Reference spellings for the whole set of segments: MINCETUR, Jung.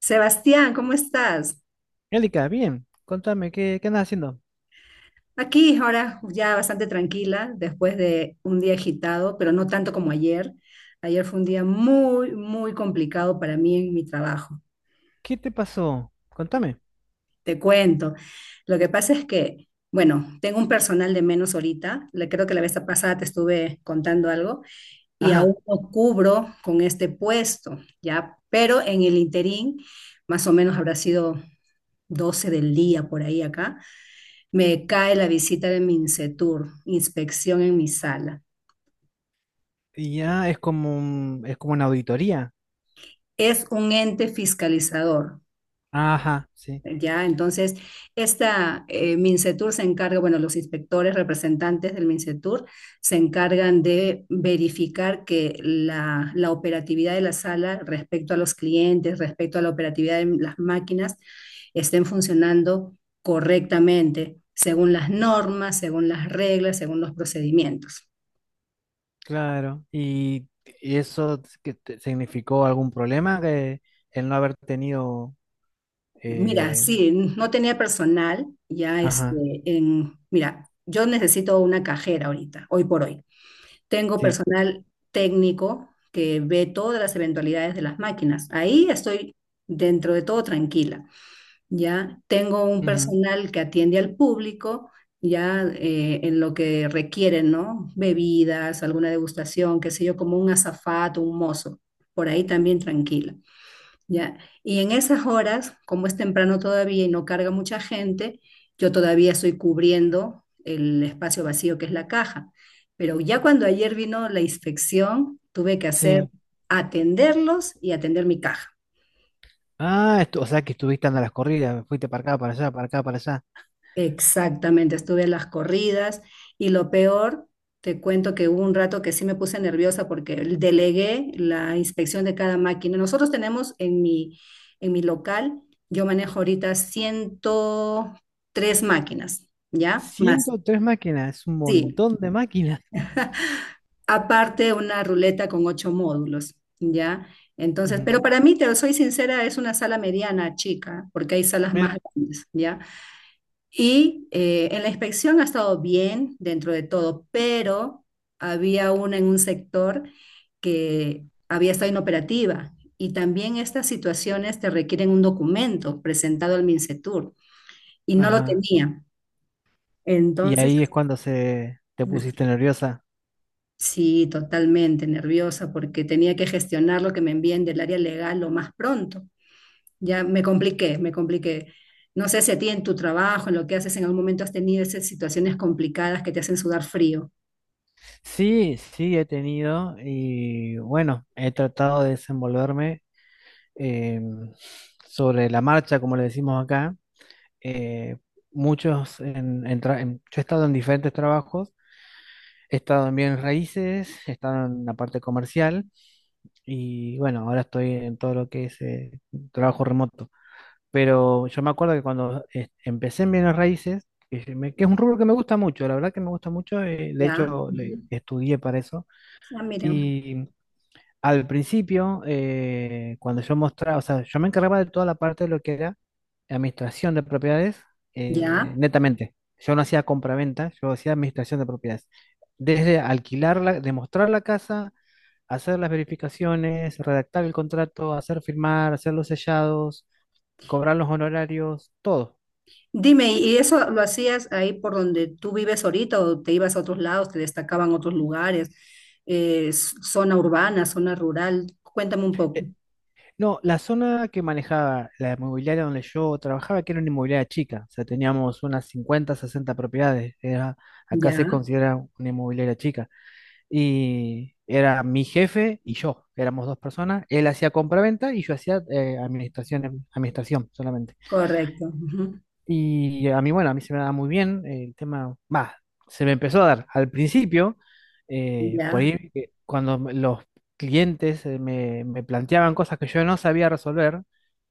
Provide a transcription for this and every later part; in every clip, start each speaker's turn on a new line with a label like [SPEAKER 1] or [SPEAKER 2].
[SPEAKER 1] Sebastián, ¿cómo estás?
[SPEAKER 2] Angélica, bien, contame, ¿qué andas haciendo?
[SPEAKER 1] Aquí ahora ya bastante tranquila después de un día agitado, pero no tanto como ayer. Ayer fue un día muy, muy complicado para mí en mi trabajo.
[SPEAKER 2] ¿Qué te pasó? Contame.
[SPEAKER 1] Te cuento. Lo que pasa es que, bueno, tengo un personal de menos ahorita. Le creo que la vez pasada te estuve contando algo y aún
[SPEAKER 2] Ajá,
[SPEAKER 1] no cubro con este puesto, ¿ya? Pero en el interín, más o menos habrá sido 12 del día por ahí acá. Me cae la visita de MINCETUR, inspección en mi sala.
[SPEAKER 2] y ya es como es como una auditoría.
[SPEAKER 1] Es un ente fiscalizador,
[SPEAKER 2] Ajá, sí,
[SPEAKER 1] ¿ya? Entonces, esta MINCETUR se encarga, bueno, los inspectores representantes del MINCETUR se encargan de verificar que la operatividad de la sala respecto a los clientes, respecto a la operatividad de las máquinas, estén funcionando correctamente, según las normas, según las reglas, según los procedimientos.
[SPEAKER 2] claro. ¿Y eso que significó algún problema que el no haber tenido
[SPEAKER 1] Mira,
[SPEAKER 2] eh,
[SPEAKER 1] sí, no tenía personal, ya
[SPEAKER 2] ajá,
[SPEAKER 1] este, en, mira, yo necesito una cajera ahorita, hoy por hoy. Tengo
[SPEAKER 2] sí.
[SPEAKER 1] personal técnico que ve todas las eventualidades de las máquinas. Ahí estoy dentro de todo tranquila, ya. Tengo un
[SPEAKER 2] Ujú,
[SPEAKER 1] personal que atiende al público, ya en lo que requieren, ¿no? Bebidas, alguna degustación, qué sé yo, como un azafato, un mozo. Por ahí también tranquila. Ya, y en esas horas, como es temprano todavía y no carga mucha gente, yo todavía estoy cubriendo el espacio vacío que es la caja. Pero ya cuando ayer vino la inspección, tuve que hacer
[SPEAKER 2] sí.
[SPEAKER 1] atenderlos y atender mi caja.
[SPEAKER 2] Ah, o sea que estuviste andando a las corridas, fuiste para acá, para allá, para acá, para allá.
[SPEAKER 1] Exactamente, estuve en las corridas y lo peor, te cuento que hubo un rato que sí me puse nerviosa porque delegué la inspección de cada máquina. Nosotros tenemos en mi local, yo manejo ahorita 103 máquinas, ¿ya? Más,
[SPEAKER 2] 103 máquinas, es un
[SPEAKER 1] sí.
[SPEAKER 2] montón de máquinas.
[SPEAKER 1] Aparte una ruleta con 8 módulos, ¿ya? Entonces, pero
[SPEAKER 2] Ujú,
[SPEAKER 1] para mí, te soy sincera, es una sala mediana, chica, porque hay salas más
[SPEAKER 2] mira,
[SPEAKER 1] grandes, ya. Y en la inspección ha estado bien dentro de todo, pero había una en un sector que había estado inoperativa. Y también estas situaciones te requieren un documento presentado al MINCETUR y no lo
[SPEAKER 2] ajá.
[SPEAKER 1] tenía.
[SPEAKER 2] Y
[SPEAKER 1] Entonces,
[SPEAKER 2] ahí es cuando se te
[SPEAKER 1] es-
[SPEAKER 2] pusiste nerviosa.
[SPEAKER 1] sí, totalmente nerviosa porque tenía que gestionar lo que me envíen del área legal lo más pronto. Ya me compliqué, me compliqué. No sé si a ti en tu trabajo, en lo que haces, en algún momento has tenido esas situaciones complicadas que te hacen sudar frío.
[SPEAKER 2] Sí, sí, he tenido y bueno, he tratado de desenvolverme eh, sobre la marcha, como le decimos acá. Eh, muchos, en tra- en- Yo he estado en diferentes trabajos, he estado en bienes raíces, he estado en la parte comercial y bueno, ahora estoy en todo lo que es trabajo remoto. Pero yo me acuerdo que cuando empecé en bienes raíces, que, que es un rubro que me gusta mucho, la verdad que me gusta mucho, de
[SPEAKER 1] Ya,
[SPEAKER 2] hecho
[SPEAKER 1] ujú.
[SPEAKER 2] estudié para eso.
[SPEAKER 1] Ah, mira,
[SPEAKER 2] Y al principio, cuando yo mostraba, o sea, yo me encargaba de toda la parte de lo que era administración de propiedades,
[SPEAKER 1] ya.
[SPEAKER 2] netamente. Yo no hacía compraventa, yo hacía administración de propiedades. Desde alquilarla, demostrar la casa, hacer las verificaciones, redactar el contrato, hacer firmar, hacer los sellados, cobrar los honorarios, todo.
[SPEAKER 1] Dime, ¿y eso lo hacías ahí por donde tú vives ahorita o te ibas a otros lados, te destacaban otros lugares, zona urbana, zona rural? Cuéntame un poco.
[SPEAKER 2] Eh, No, la zona que manejaba la inmobiliaria donde yo trabajaba, que era una inmobiliaria chica, o sea, teníamos unas 50, 60 propiedades, era, acá se
[SPEAKER 1] Ya,
[SPEAKER 2] considera una inmobiliaria chica, y era mi jefe y yo, éramos dos personas, él hacía compraventa y yo hacía administración, administración solamente.
[SPEAKER 1] correcto. Ujú,
[SPEAKER 2] Y a mí, bueno, a mí se me daba muy bien el tema, más, se me empezó a dar al principio, por
[SPEAKER 1] ya,
[SPEAKER 2] ahí cuando los clientes me planteaban cosas que yo no sabía resolver,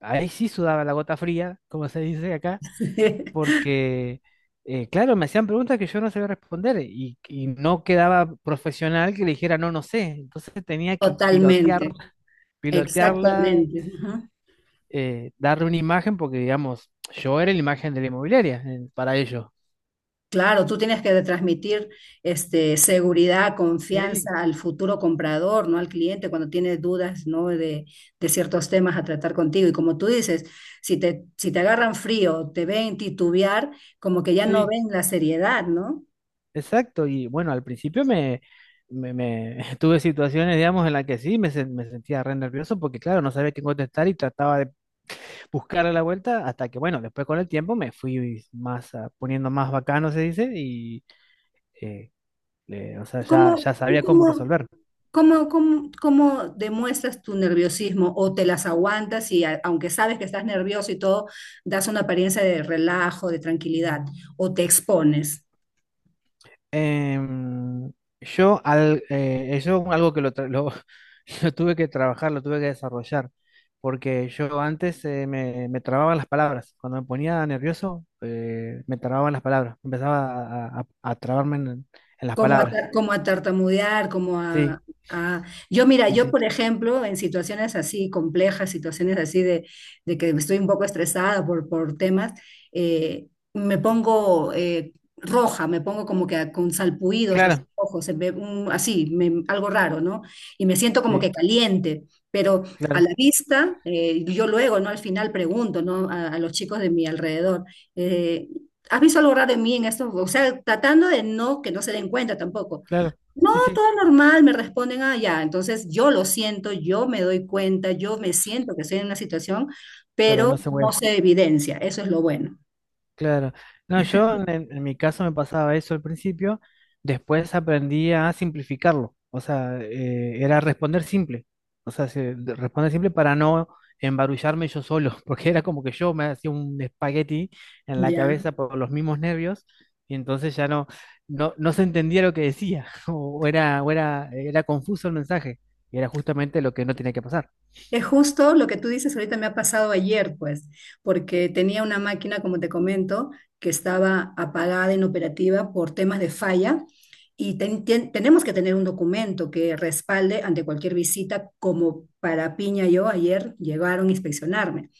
[SPEAKER 2] ahí sí sudaba la gota fría, como se dice acá, porque, claro, me hacían preguntas que yo no sabía responder y no quedaba profesional que le dijera no, no sé. Entonces tenía que pilotear,
[SPEAKER 1] totalmente,
[SPEAKER 2] pilotearla,
[SPEAKER 1] exactamente.
[SPEAKER 2] darle una imagen, porque, digamos, yo era la imagen de la inmobiliaria, para ellos.
[SPEAKER 1] Claro, tú tienes que transmitir este, seguridad,
[SPEAKER 2] Sí,
[SPEAKER 1] confianza al futuro comprador, ¿no? Al cliente cuando tiene dudas, ¿no? De ciertos temas a tratar contigo. Y como tú dices, si te, si te agarran frío, te ven titubear, como que ya no
[SPEAKER 2] sí,
[SPEAKER 1] ven la seriedad, ¿no?
[SPEAKER 2] exacto. Y bueno, al principio tuve situaciones, digamos, en las que sí me sentía re nervioso porque, claro, no sabía qué contestar y trataba de buscar a la vuelta hasta que, bueno, después con el tiempo me fui más poniendo más bacano, se dice, y eh, o sea,
[SPEAKER 1] ¿Cómo,
[SPEAKER 2] ya sabía cómo
[SPEAKER 1] cómo,
[SPEAKER 2] resolver.
[SPEAKER 1] cómo demuestras tu nerviosismo o te las aguantas y aunque sabes que estás nervioso y todo, das una apariencia de relajo, de tranquilidad o te expones?
[SPEAKER 2] Em, yo, eso algo que lo tuve que trabajar, lo tuve que desarrollar, porque yo antes me trababan las palabras, cuando me ponía nervioso, me trababan las palabras, empezaba a trabarme en las
[SPEAKER 1] Como a,
[SPEAKER 2] palabras.
[SPEAKER 1] como a tartamudear,
[SPEAKER 2] Sí,
[SPEAKER 1] a- yo, mira,
[SPEAKER 2] sí,
[SPEAKER 1] yo,
[SPEAKER 2] sí,
[SPEAKER 1] por ejemplo, en situaciones así complejas, situaciones así de que estoy un poco estresada por temas, eh, me pongo roja, me pongo como que con salpuidos así,
[SPEAKER 2] claro,
[SPEAKER 1] ojos, así, algo raro, ¿no? Y me siento como que
[SPEAKER 2] sí,
[SPEAKER 1] caliente, pero a
[SPEAKER 2] claro,
[SPEAKER 1] la vista, yo luego, ¿no? Al final pregunto, ¿no? A los chicos de mi alrededor eh, ¿has visto algo raro en mí en esto? O sea, tratando de no, que no se den cuenta tampoco.
[SPEAKER 2] claro,
[SPEAKER 1] No,
[SPEAKER 2] sí, sí,
[SPEAKER 1] todo normal, me responden, ah, ya. Entonces yo lo siento, yo me doy cuenta, yo me siento que estoy en una situación,
[SPEAKER 2] pero no
[SPEAKER 1] pero
[SPEAKER 2] se
[SPEAKER 1] no
[SPEAKER 2] mueve.
[SPEAKER 1] se evidencia. Eso es lo bueno.
[SPEAKER 2] Claro. No, yo en mi caso me pasaba eso al principio, después aprendí a simplificarlo, o sea, era responder simple, o sea, responder simple para no embarullarme yo solo, porque era como que yo me hacía un espagueti en la
[SPEAKER 1] Ya.
[SPEAKER 2] cabeza por los mismos nervios y entonces ya no se entendía lo que decía, o era confuso el mensaje, y era justamente lo que no tenía que pasar.
[SPEAKER 1] Es justo lo que tú dices ahorita me ha pasado ayer, pues, porque tenía una máquina, como te comento, que estaba apagada, inoperativa por temas de falla y tenemos que tener un documento que respalde ante cualquier visita, como para Piña yo ayer llegaron a inspeccionarme.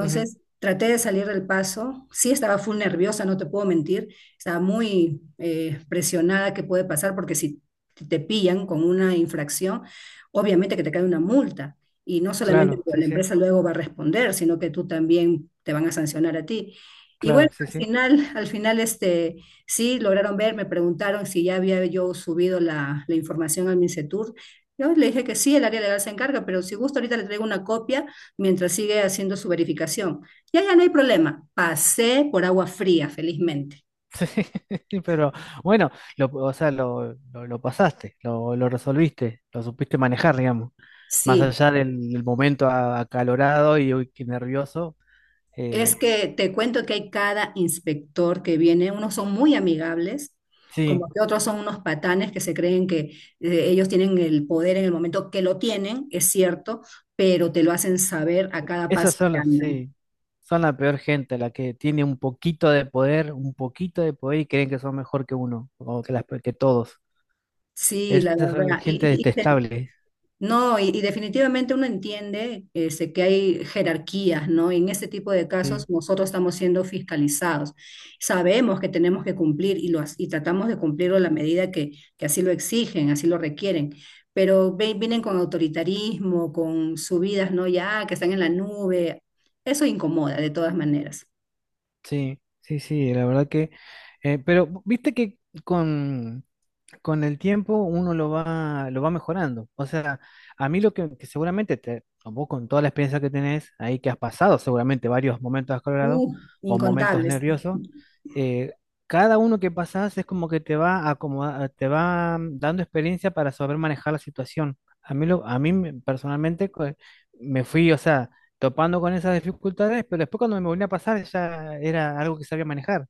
[SPEAKER 2] Ujú,
[SPEAKER 1] traté de salir del paso. Sí estaba full nerviosa, no te puedo mentir. Estaba muy presionada que puede pasar porque si te pillan con una infracción, obviamente que te cae una multa. Y no solamente
[SPEAKER 2] claro,
[SPEAKER 1] pues,
[SPEAKER 2] sí,
[SPEAKER 1] la
[SPEAKER 2] sí,
[SPEAKER 1] empresa luego va a responder, sino que tú también te van a sancionar a ti. Y bueno,
[SPEAKER 2] claro, sí, sí.
[SPEAKER 1] al final este, sí lograron ver, me preguntaron si ya había yo subido la información al MINCETUR. Yo le dije que sí, el área legal se encarga, pero si gusta ahorita le traigo una copia mientras sigue haciendo su verificación. Ya, ya no hay problema. Pasé por agua fría, felizmente.
[SPEAKER 2] Sí, pero bueno, lo pasaste, lo resolviste, lo supiste manejar, digamos. Más
[SPEAKER 1] Sí,
[SPEAKER 2] allá del momento acalorado y uy, qué nervioso.
[SPEAKER 1] es
[SPEAKER 2] eh,
[SPEAKER 1] que te cuento que hay cada inspector que viene, unos son muy amigables,
[SPEAKER 2] sí,
[SPEAKER 1] como que otros son unos patanes que se creen que ellos tienen el poder en el momento que lo tienen, es cierto, pero te lo hacen saber a cada paso
[SPEAKER 2] esas son
[SPEAKER 1] que andan.
[SPEAKER 2] sí, son la peor gente, la que tiene un poquito de poder, un poquito de poder y creen que son mejor que uno, que todos.
[SPEAKER 1] Sí, la
[SPEAKER 2] Esas son la
[SPEAKER 1] verdad.
[SPEAKER 2] gente detestable.
[SPEAKER 1] No, y definitivamente uno entiende este, que hay jerarquías, ¿no? En este tipo de casos
[SPEAKER 2] Sí,
[SPEAKER 1] nosotros estamos siendo fiscalizados. Sabemos que tenemos que cumplir y y tratamos de cumplirlo a la medida que así lo exigen, así lo requieren, pero vienen con autoritarismo, con subidas, ¿no? Ya, que están en la nube. Eso incomoda de todas maneras.
[SPEAKER 2] sí, sí, sí, la verdad que... pero viste que con... con el tiempo uno lo va mejorando. O sea, a mí lo que seguramente, te, o vos con toda la experiencia que tenés ahí que has pasado, seguramente varios momentos acalorados o momentos
[SPEAKER 1] Incontables.
[SPEAKER 2] nerviosos, eh, cada uno que pasás es como que te va dando experiencia para saber manejar la situación. A mí, a mí personalmente me fui, o sea, topando con esas dificultades, pero después cuando me volví a pasar ya era algo que sabía manejar.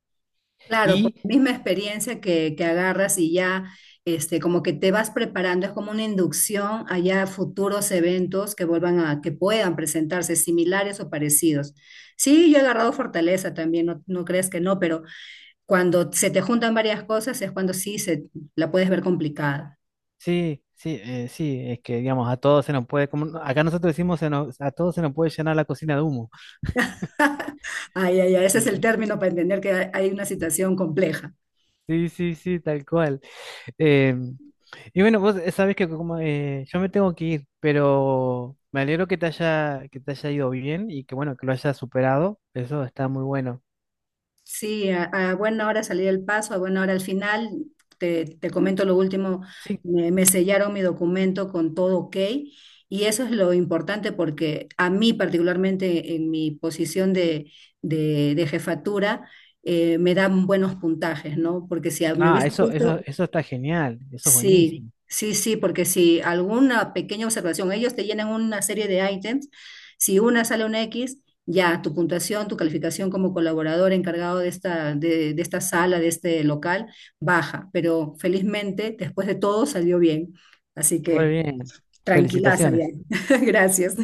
[SPEAKER 1] Claro, por
[SPEAKER 2] Y
[SPEAKER 1] la misma experiencia que agarras y ya este, como que te vas preparando, es como una inducción allá a futuros eventos que vuelvan a, que puedan presentarse similares o parecidos. Sí, yo he agarrado fortaleza también, no, no crees que no, pero cuando se te juntan varias cosas es cuando sí se la puedes ver complicada.
[SPEAKER 2] sí, sí, sí, es que digamos, a todos se nos puede, como acá nosotros decimos, a todos se nos puede llenar la cocina de humo.
[SPEAKER 1] Ay, ay, ay, ese
[SPEAKER 2] Sí,
[SPEAKER 1] es el
[SPEAKER 2] sí,
[SPEAKER 1] término para entender que hay una situación compleja.
[SPEAKER 2] sí, sí, sí, tal cual. Eh, y bueno, vos sabés que como yo me tengo que ir, pero me alegro que te haya ido bien y que bueno, que lo hayas superado. Eso está muy bueno.
[SPEAKER 1] Sí, a buena hora salí del paso, a buena hora al final. Te comento lo último,
[SPEAKER 2] Sí,
[SPEAKER 1] me sellaron mi documento con todo ok y eso es lo importante porque a mí particularmente en mi posición de, de jefatura me dan buenos puntajes, ¿no? Porque si me
[SPEAKER 2] ah,
[SPEAKER 1] hubiese
[SPEAKER 2] eso, eso,
[SPEAKER 1] puesto,
[SPEAKER 2] eso está genial, eso es
[SPEAKER 1] sí,
[SPEAKER 2] buenísimo.
[SPEAKER 1] sí, sí, porque si alguna pequeña observación, ellos te llenan una serie de ítems, si una sale un X, ya tu puntuación, tu calificación como colaborador encargado de esta sala, de este local, baja, pero felizmente después de todo salió bien, así
[SPEAKER 2] Muy
[SPEAKER 1] que
[SPEAKER 2] bien.
[SPEAKER 1] tranquilaza ya.
[SPEAKER 2] Felicitaciones.
[SPEAKER 1] Gracias.